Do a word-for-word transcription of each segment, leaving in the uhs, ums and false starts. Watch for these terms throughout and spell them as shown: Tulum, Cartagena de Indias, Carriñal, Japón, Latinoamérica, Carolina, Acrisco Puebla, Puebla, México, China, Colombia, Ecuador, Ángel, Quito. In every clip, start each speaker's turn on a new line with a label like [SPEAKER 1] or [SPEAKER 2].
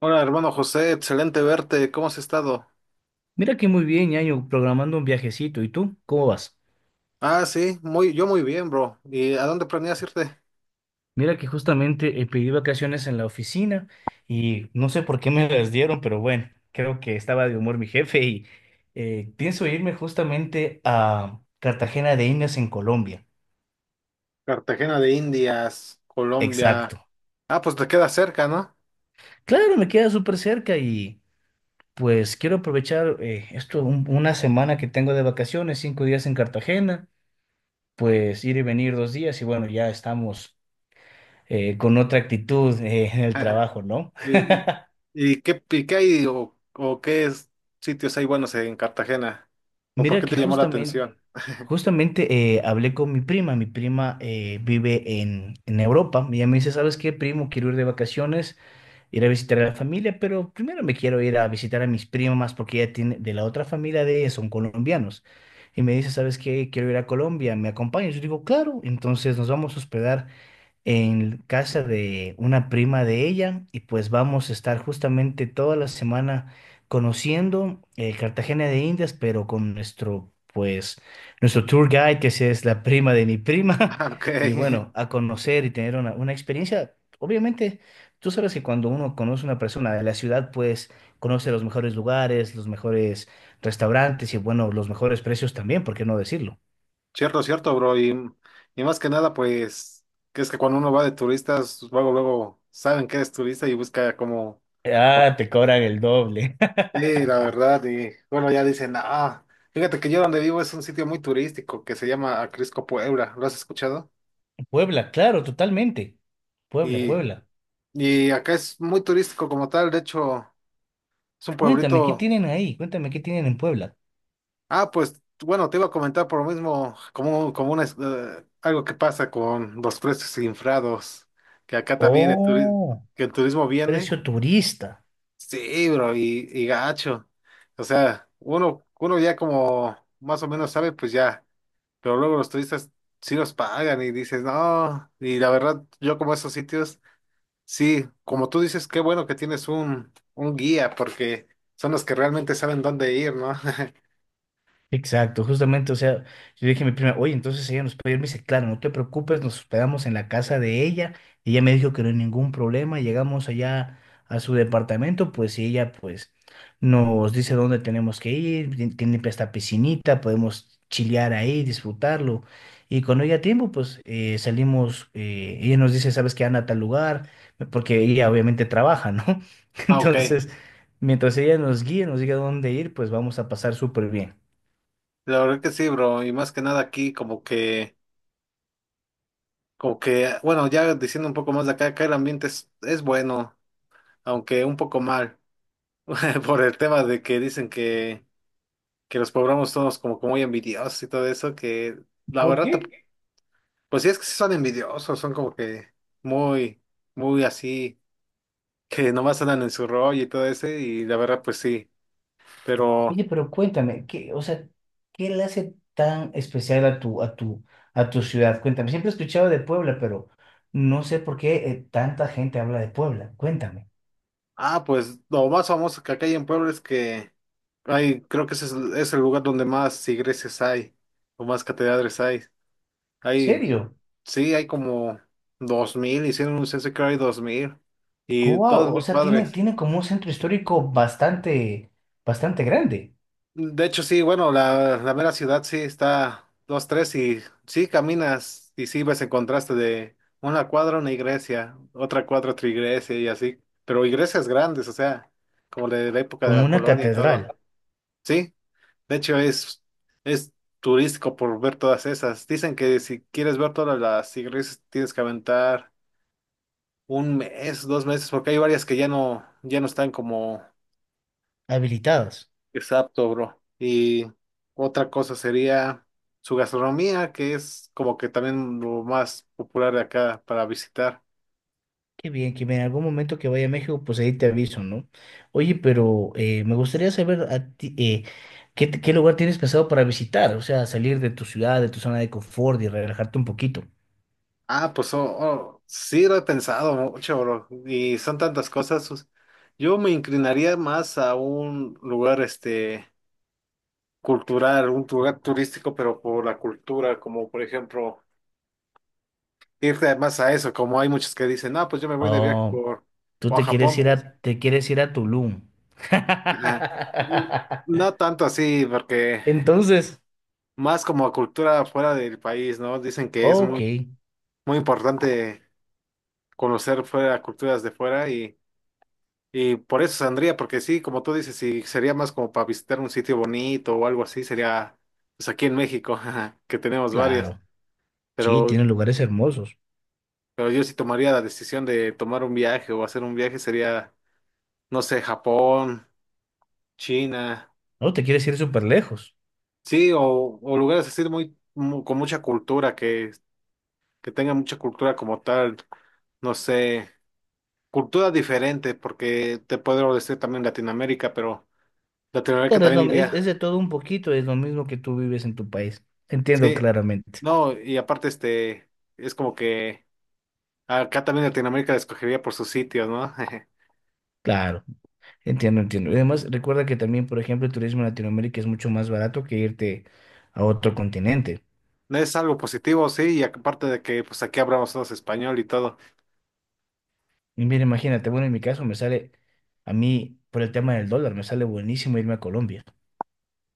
[SPEAKER 1] Hola, hermano José, excelente verte. ¿Cómo has estado?
[SPEAKER 2] Mira que muy bien, Ñaño, programando un viajecito. ¿Y tú? ¿Cómo vas?
[SPEAKER 1] Ah, sí, muy, yo muy bien, bro. ¿Y a dónde planeas irte?
[SPEAKER 2] Mira que justamente eh, pedí vacaciones en la oficina y no sé por qué me las dieron, pero bueno, creo que estaba de humor mi jefe y eh, pienso irme justamente a Cartagena de Indias en Colombia.
[SPEAKER 1] Cartagena de Indias, Colombia.
[SPEAKER 2] Exacto.
[SPEAKER 1] Ah, pues te queda cerca, ¿no?
[SPEAKER 2] Claro, me queda súper cerca y pues quiero aprovechar eh, esto, un- una semana que tengo de vacaciones, cinco días en Cartagena, pues ir y venir dos días y bueno, ya estamos eh, con otra actitud eh, en el trabajo, ¿no?
[SPEAKER 1] ¿Y, y qué, y qué hay o, o qué es- sitios hay buenos en Cartagena? ¿O por
[SPEAKER 2] Mira
[SPEAKER 1] qué te
[SPEAKER 2] que
[SPEAKER 1] llamó la
[SPEAKER 2] justamente,
[SPEAKER 1] atención?
[SPEAKER 2] justamente eh, hablé con mi prima. Mi prima eh, vive en, en Europa. Y ella me dice, ¿sabes qué, primo? Quiero ir de vacaciones, ir a visitar a la familia, pero primero me quiero ir a visitar a mis primas porque ella tiene, de la otra familia de ella son colombianos. Y me dice, ¿sabes qué? Quiero ir a Colombia, ¿me acompañas? Yo digo, claro. Entonces nos vamos a hospedar en casa de una prima de ella y pues vamos a estar justamente toda la semana conociendo eh, Cartagena de Indias, pero con nuestro, pues, nuestro tour guide, que sí es la prima de mi prima,
[SPEAKER 1] Ah, ok.
[SPEAKER 2] y bueno, a conocer y tener una, una experiencia. Obviamente, tú sabes que cuando uno conoce a una persona de la ciudad, pues conoce los mejores lugares, los mejores restaurantes y bueno, los mejores precios también, ¿por qué no decirlo?
[SPEAKER 1] Cierto, cierto, bro. Y, y más que nada, pues, que es que cuando uno va de turistas, luego, luego saben que eres turista y busca como,
[SPEAKER 2] Ah, te cobran el doble.
[SPEAKER 1] sí, la verdad, y bueno, ya dicen, ah, fíjate que yo donde vivo es un sitio muy turístico que se llama Acrisco Puebla, ¿lo has escuchado?
[SPEAKER 2] Puebla, claro, totalmente. Puebla,
[SPEAKER 1] Y,
[SPEAKER 2] Puebla.
[SPEAKER 1] y acá es muy turístico como tal. De hecho, es un
[SPEAKER 2] Cuéntame, ¿qué
[SPEAKER 1] pueblito.
[SPEAKER 2] tienen ahí? Cuéntame, ¿qué tienen en Puebla?
[SPEAKER 1] Ah, pues, bueno, te iba a comentar por lo mismo, como, como una, es- eh, algo que pasa con los precios infrados, que acá también el, oh, turi-
[SPEAKER 2] Oh,
[SPEAKER 1] que el turismo viene.
[SPEAKER 2] precio turista.
[SPEAKER 1] Sí, bro, y, y gacho, o sea, uno, uno ya como más o menos sabe, pues ya. Pero luego los turistas sí los pagan y dices, no, y la verdad, yo como esos sitios. Sí, como tú dices, qué bueno que tienes un, un guía, porque son los que realmente saben dónde ir, ¿no?
[SPEAKER 2] Exacto, justamente, o sea, yo dije a mi prima, oye, entonces ella nos puede ir, me dice, claro, no te preocupes, nos hospedamos en la casa de ella, ella me dijo que no hay ningún problema, llegamos allá a su departamento, pues y ella pues nos dice dónde tenemos que ir, tien- tiene esta piscinita, podemos chilear ahí, disfrutarlo, y cuando haya tiempo, pues eh, salimos, eh, ella nos dice, ¿sabes que Anda a tal lugar, porque ella obviamente trabaja, ¿no?
[SPEAKER 1] Ah, ok.
[SPEAKER 2] Entonces, mientras ella nos guíe, nos diga dónde ir, pues vamos a pasar súper bien.
[SPEAKER 1] La verdad que sí, bro, y más que nada aquí, como que, como que, bueno, ya diciendo un poco más de acá, acá el ambiente es, es bueno, aunque un poco mal, por el tema de que dicen que, que los poblanos somos como, como muy envidiosos y todo eso, que la
[SPEAKER 2] ¿Por
[SPEAKER 1] verdad
[SPEAKER 2] qué?
[SPEAKER 1] pues sí, es que sí son envidiosos, son como que muy, muy así, que nomás andan en su rollo y todo ese, y la verdad, pues sí. Pero,
[SPEAKER 2] Oye, pero cuéntame, ¿qué, o sea, qué le hace tan especial a tu, a tu, a tu ciudad? Cuéntame, siempre he escuchado de Puebla, pero no sé por qué eh, tanta gente habla de Puebla. Cuéntame,
[SPEAKER 1] ah, pues lo más famoso que acá hay en Puebla es que hay, creo que ese es, es el lugar donde más iglesias hay, o más catedrales hay. Hay,
[SPEAKER 2] ¿serio?
[SPEAKER 1] sí, hay como dos mil, hicieron un censo y creo hay dos mil, y todas
[SPEAKER 2] Wow, o
[SPEAKER 1] muy
[SPEAKER 2] sea, tiene,
[SPEAKER 1] padres.
[SPEAKER 2] tiene como un centro histórico bastante, bastante grande,
[SPEAKER 1] De hecho, sí, bueno, la, la mera ciudad sí está dos, tres y sí caminas y sí ves el contraste de una cuadra, una iglesia, otra cuadra, otra iglesia y así, pero iglesias grandes, o sea, como de la época de
[SPEAKER 2] como
[SPEAKER 1] la
[SPEAKER 2] una
[SPEAKER 1] colonia y todo.
[SPEAKER 2] catedral,
[SPEAKER 1] Sí, de hecho es, es turístico por ver todas esas. Dicen que si quieres ver todas las iglesias tienes que aventar un mes, dos meses, porque hay varias que ya no, ya no están como...
[SPEAKER 2] habilitados.
[SPEAKER 1] Exacto, bro. Y otra cosa sería su gastronomía, que es como que también lo más popular de acá para visitar.
[SPEAKER 2] Qué bien, que en algún momento que vaya a México, pues ahí te aviso, ¿no? Oye, pero eh, me gustaría saber a ti, eh, ¿qué, te- qué lugar tienes pensado para visitar? O sea, salir de tu ciudad, de tu zona de confort y relajarte un poquito.
[SPEAKER 1] Ah, pues oh, oh, sí lo he pensado mucho, bro. Y son tantas cosas. sus- Yo me inclinaría más a un lugar este cultural, un lugar turístico, pero por la cultura, como por ejemplo, irte más a eso, como hay muchos que dicen, ah, pues yo me voy de viaje
[SPEAKER 2] Oh,
[SPEAKER 1] por,
[SPEAKER 2] tú
[SPEAKER 1] por
[SPEAKER 2] te quieres
[SPEAKER 1] Japón.
[SPEAKER 2] ir a, te quieres ir a Tulum.
[SPEAKER 1] Ajá. No tanto así, porque
[SPEAKER 2] Entonces,
[SPEAKER 1] más como cultura fuera del país, ¿no? Dicen que es
[SPEAKER 2] ok,
[SPEAKER 1] muy, muy importante conocer fuera culturas de fuera, y, y por eso saldría, porque sí, como tú dices, si sería más como para visitar un sitio bonito o algo así, sería pues aquí en México, jaja, que tenemos varios,
[SPEAKER 2] claro. Sí,
[SPEAKER 1] pero,
[SPEAKER 2] tiene lugares hermosos.
[SPEAKER 1] pero yo sí tomaría la decisión de tomar un viaje o hacer un viaje, sería, no sé, Japón, China,
[SPEAKER 2] No te quieres ir súper lejos.
[SPEAKER 1] sí, o, o lugares así muy, mu- con mucha cultura, que, que tengan mucha cultura como tal, no sé. Cultura diferente, porque te puedo decir también Latinoamérica, pero Latinoamérica
[SPEAKER 2] Pero es,
[SPEAKER 1] también
[SPEAKER 2] lo- es
[SPEAKER 1] iría.
[SPEAKER 2] es de todo un poquito, es lo mismo que tú vives en tu país. Entiendo
[SPEAKER 1] Sí,
[SPEAKER 2] claramente.
[SPEAKER 1] no, y aparte, este, es como que acá también Latinoamérica la escogería por sus sitios, ¿no?
[SPEAKER 2] Claro. Entiendo, entiendo. Y además, recuerda que también, por ejemplo, el turismo en Latinoamérica es mucho más barato que irte a otro continente.
[SPEAKER 1] No es algo positivo, sí, y aparte de que, pues aquí hablamos todos español y todo.
[SPEAKER 2] Y mira, imagínate, bueno, en mi caso me sale, a mí, por el tema del dólar, me sale buenísimo irme a Colombia,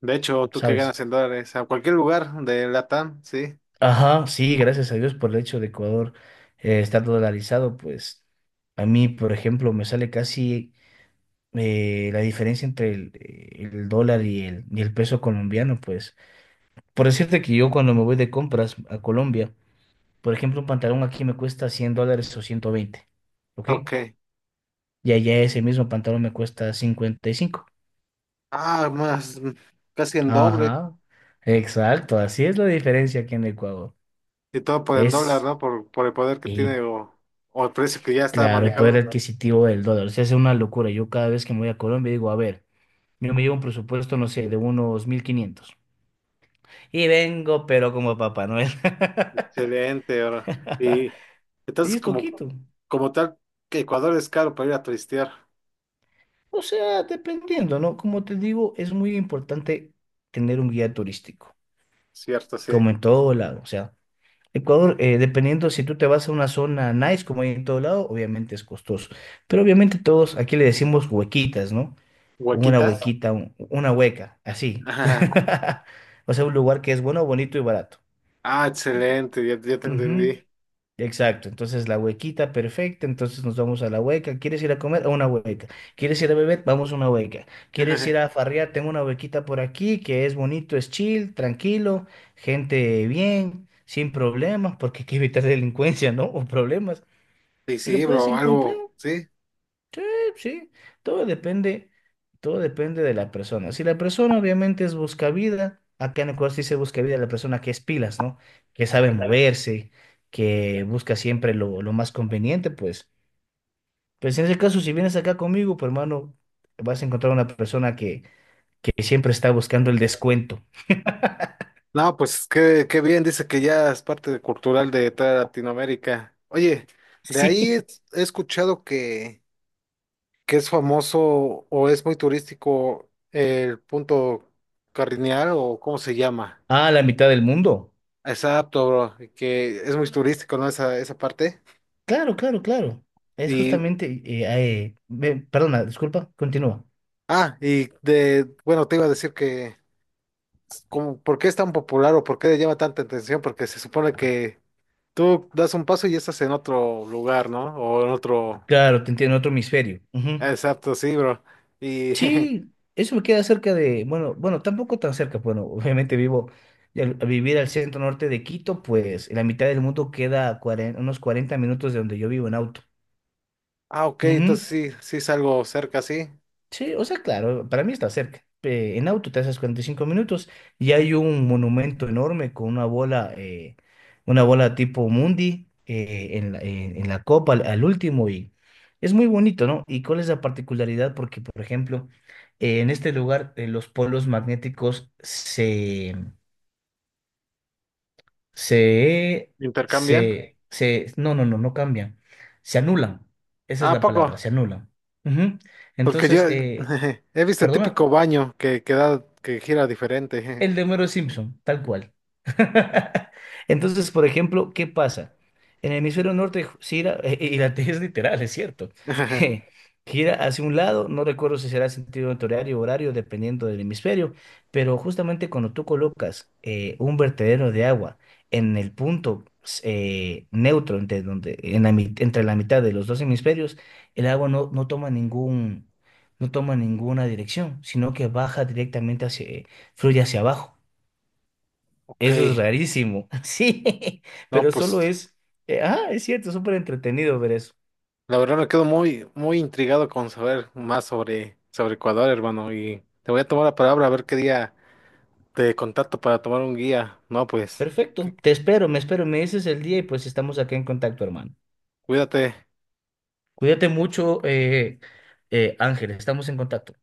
[SPEAKER 1] De hecho, tú que ganas
[SPEAKER 2] ¿sabes?
[SPEAKER 1] en dólares, a cualquier lugar de Latam, sí.
[SPEAKER 2] Ajá, sí, gracias a Dios por el hecho de Ecuador eh, estar dolarizado, pues a mí, por ejemplo, me sale casi eh, la diferencia entre el, el dólar y el, y el peso colombiano, pues. Por decirte que yo cuando me voy de compras a Colombia, por ejemplo, un pantalón aquí me cuesta cien dólares o ciento veinte, ¿ok?
[SPEAKER 1] Ok.
[SPEAKER 2] Y allá ese mismo pantalón me cuesta cincuenta y cinco.
[SPEAKER 1] Ah, más, mm, casi en doble.
[SPEAKER 2] Ajá, exacto, así es la diferencia aquí en Ecuador.
[SPEAKER 1] Y todo por en dólar,
[SPEAKER 2] Es,
[SPEAKER 1] ¿no? Por, por el poder que
[SPEAKER 2] y
[SPEAKER 1] tiene, o, o el precio que ya está
[SPEAKER 2] claro, el poder
[SPEAKER 1] manejado.
[SPEAKER 2] adquisitivo del dólar. O sea, es una locura. Yo cada vez que me voy a Colombia digo, a ver, yo me llevo un presupuesto, no sé, de unos mil quinientos, y vengo, pero como Papá Noel.
[SPEAKER 1] Excelente, bro. Y
[SPEAKER 2] Y
[SPEAKER 1] entonces,
[SPEAKER 2] es
[SPEAKER 1] como,
[SPEAKER 2] poquito.
[SPEAKER 1] como tal, que Ecuador es caro para ir a turistear,
[SPEAKER 2] O sea, dependiendo, ¿no? Como te digo, es muy importante tener un guía turístico.
[SPEAKER 1] ¿cierto? Sí.
[SPEAKER 2] Como en todo lado. O sea, Ecuador, eh, dependiendo si tú te vas a una zona nice, como hay en todo lado, obviamente es costoso. Pero obviamente todos, aquí le decimos huequitas, ¿no? Una
[SPEAKER 1] ¿Huequitas?
[SPEAKER 2] huequita, un- una hueca, así.
[SPEAKER 1] Ajá.
[SPEAKER 2] O sea, un lugar que es bueno, bonito y barato.
[SPEAKER 1] Ah, excelente, ya, ya te
[SPEAKER 2] Ujú.
[SPEAKER 1] entendí.
[SPEAKER 2] Exacto, entonces la huequita perfecta, entonces nos vamos a la hueca. ¿Quieres ir a comer? A una hueca. ¿Quieres ir a beber? Vamos a una hueca. ¿Quieres ir
[SPEAKER 1] Ajá.
[SPEAKER 2] a farrear? Tengo una huequita por aquí que es bonito, es chill, tranquilo, gente bien, sin problemas, porque hay que evitar delincuencia, ¿no? O problemas.
[SPEAKER 1] Sí,
[SPEAKER 2] Y lo
[SPEAKER 1] sí,
[SPEAKER 2] puedes
[SPEAKER 1] bro,
[SPEAKER 2] encontrar.
[SPEAKER 1] algo, sí.
[SPEAKER 2] Sí, sí, todo depende, todo depende de la persona. Si la persona obviamente es buscavida, acá en Ecuador sí se busca vida la persona que es pilas, ¿no? Que sabe moverse, que busca siempre lo, lo más conveniente, pues. Pues en ese caso, si vienes acá conmigo, pues hermano, vas a encontrar una persona que, que siempre está buscando el descuento.
[SPEAKER 1] No, pues qué, qué bien, dice que ya es parte de- cultural de toda Latinoamérica. Oye, de ahí
[SPEAKER 2] Sí.
[SPEAKER 1] he he escuchado que, que es famoso o es muy turístico el punto Carriñal o cómo se llama.
[SPEAKER 2] A la mitad del mundo.
[SPEAKER 1] Exacto, bro, que es muy turístico, ¿no? Esa, esa parte.
[SPEAKER 2] Claro, claro, claro. Es
[SPEAKER 1] Y,
[SPEAKER 2] justamente, eh, eh, ve- perdona, disculpa, continúa.
[SPEAKER 1] ah, y de, bueno, te iba a decir que, como, ¿por qué es tan popular o por qué le llama tanta atención? Porque se supone que tú das un paso y estás en otro lugar, ¿no? O en otro,
[SPEAKER 2] Claro, te entiendo, otro hemisferio. Ujú.
[SPEAKER 1] exacto, sí, bro. Y,
[SPEAKER 2] Sí, eso me queda cerca de, bueno, bueno, tampoco tan cerca, bueno, obviamente vivo, y al, al vivir al centro norte de Quito, pues en la mitad del mundo queda cuaren- unos cuarenta minutos de donde yo vivo en auto.
[SPEAKER 1] ah, ok,
[SPEAKER 2] Ujú.
[SPEAKER 1] entonces sí, sí es algo cerca, sí.
[SPEAKER 2] Sí, o sea, claro, para mí está cerca. Eh, en auto te haces cuarenta y cinco minutos y hay un monumento enorme con una bola, eh, una bola tipo Mundi eh, en la, en- en la copa al, al último y es muy bonito, ¿no? ¿Y cuál es la particularidad? Porque, por ejemplo, eh, en este lugar eh, los polos magnéticos se, se,
[SPEAKER 1] ¿Intercambian? Sí.
[SPEAKER 2] se, se, no, no, no, no cambian, se anulan. Esa
[SPEAKER 1] Ah,
[SPEAKER 2] es
[SPEAKER 1] ¿a
[SPEAKER 2] la palabra,
[SPEAKER 1] poco?
[SPEAKER 2] se anulan. Ujú.
[SPEAKER 1] Porque yo
[SPEAKER 2] Entonces, eh,
[SPEAKER 1] he visto el
[SPEAKER 2] perdona.
[SPEAKER 1] típico baño que, que da, que gira diferente.
[SPEAKER 2] El de Homero Simpson, tal cual. Entonces, por ejemplo, ¿qué pasa? En el hemisferio norte gira, eh, y la T es literal, es cierto, gira hacia un lado, no recuerdo si será sentido horario o horario, dependiendo del hemisferio, pero justamente cuando tú colocas eh, un vertedero de agua en el punto eh, neutro, entre, donde, en la, mit- entre la mitad de los dos hemisferios, el agua no, no toma ningún, no toma ninguna dirección, sino que baja directamente, fluye hacia abajo.
[SPEAKER 1] Ok,
[SPEAKER 2] Eso es rarísimo. Sí,
[SPEAKER 1] no,
[SPEAKER 2] pero
[SPEAKER 1] pues.
[SPEAKER 2] solo es, eh, ah, es cierto, súper entretenido ver eso.
[SPEAKER 1] La verdad me quedo muy, muy intrigado con saber más sobre, sobre Ecuador, hermano, y te voy a tomar la palabra a ver qué día te contacto para tomar un guía. No, pues, cu-
[SPEAKER 2] Perfecto, te espero, me espero, me dices el día y pues estamos acá en contacto, hermano.
[SPEAKER 1] cuídate.
[SPEAKER 2] Cuídate mucho, eh, eh, Ángel, estamos en contacto.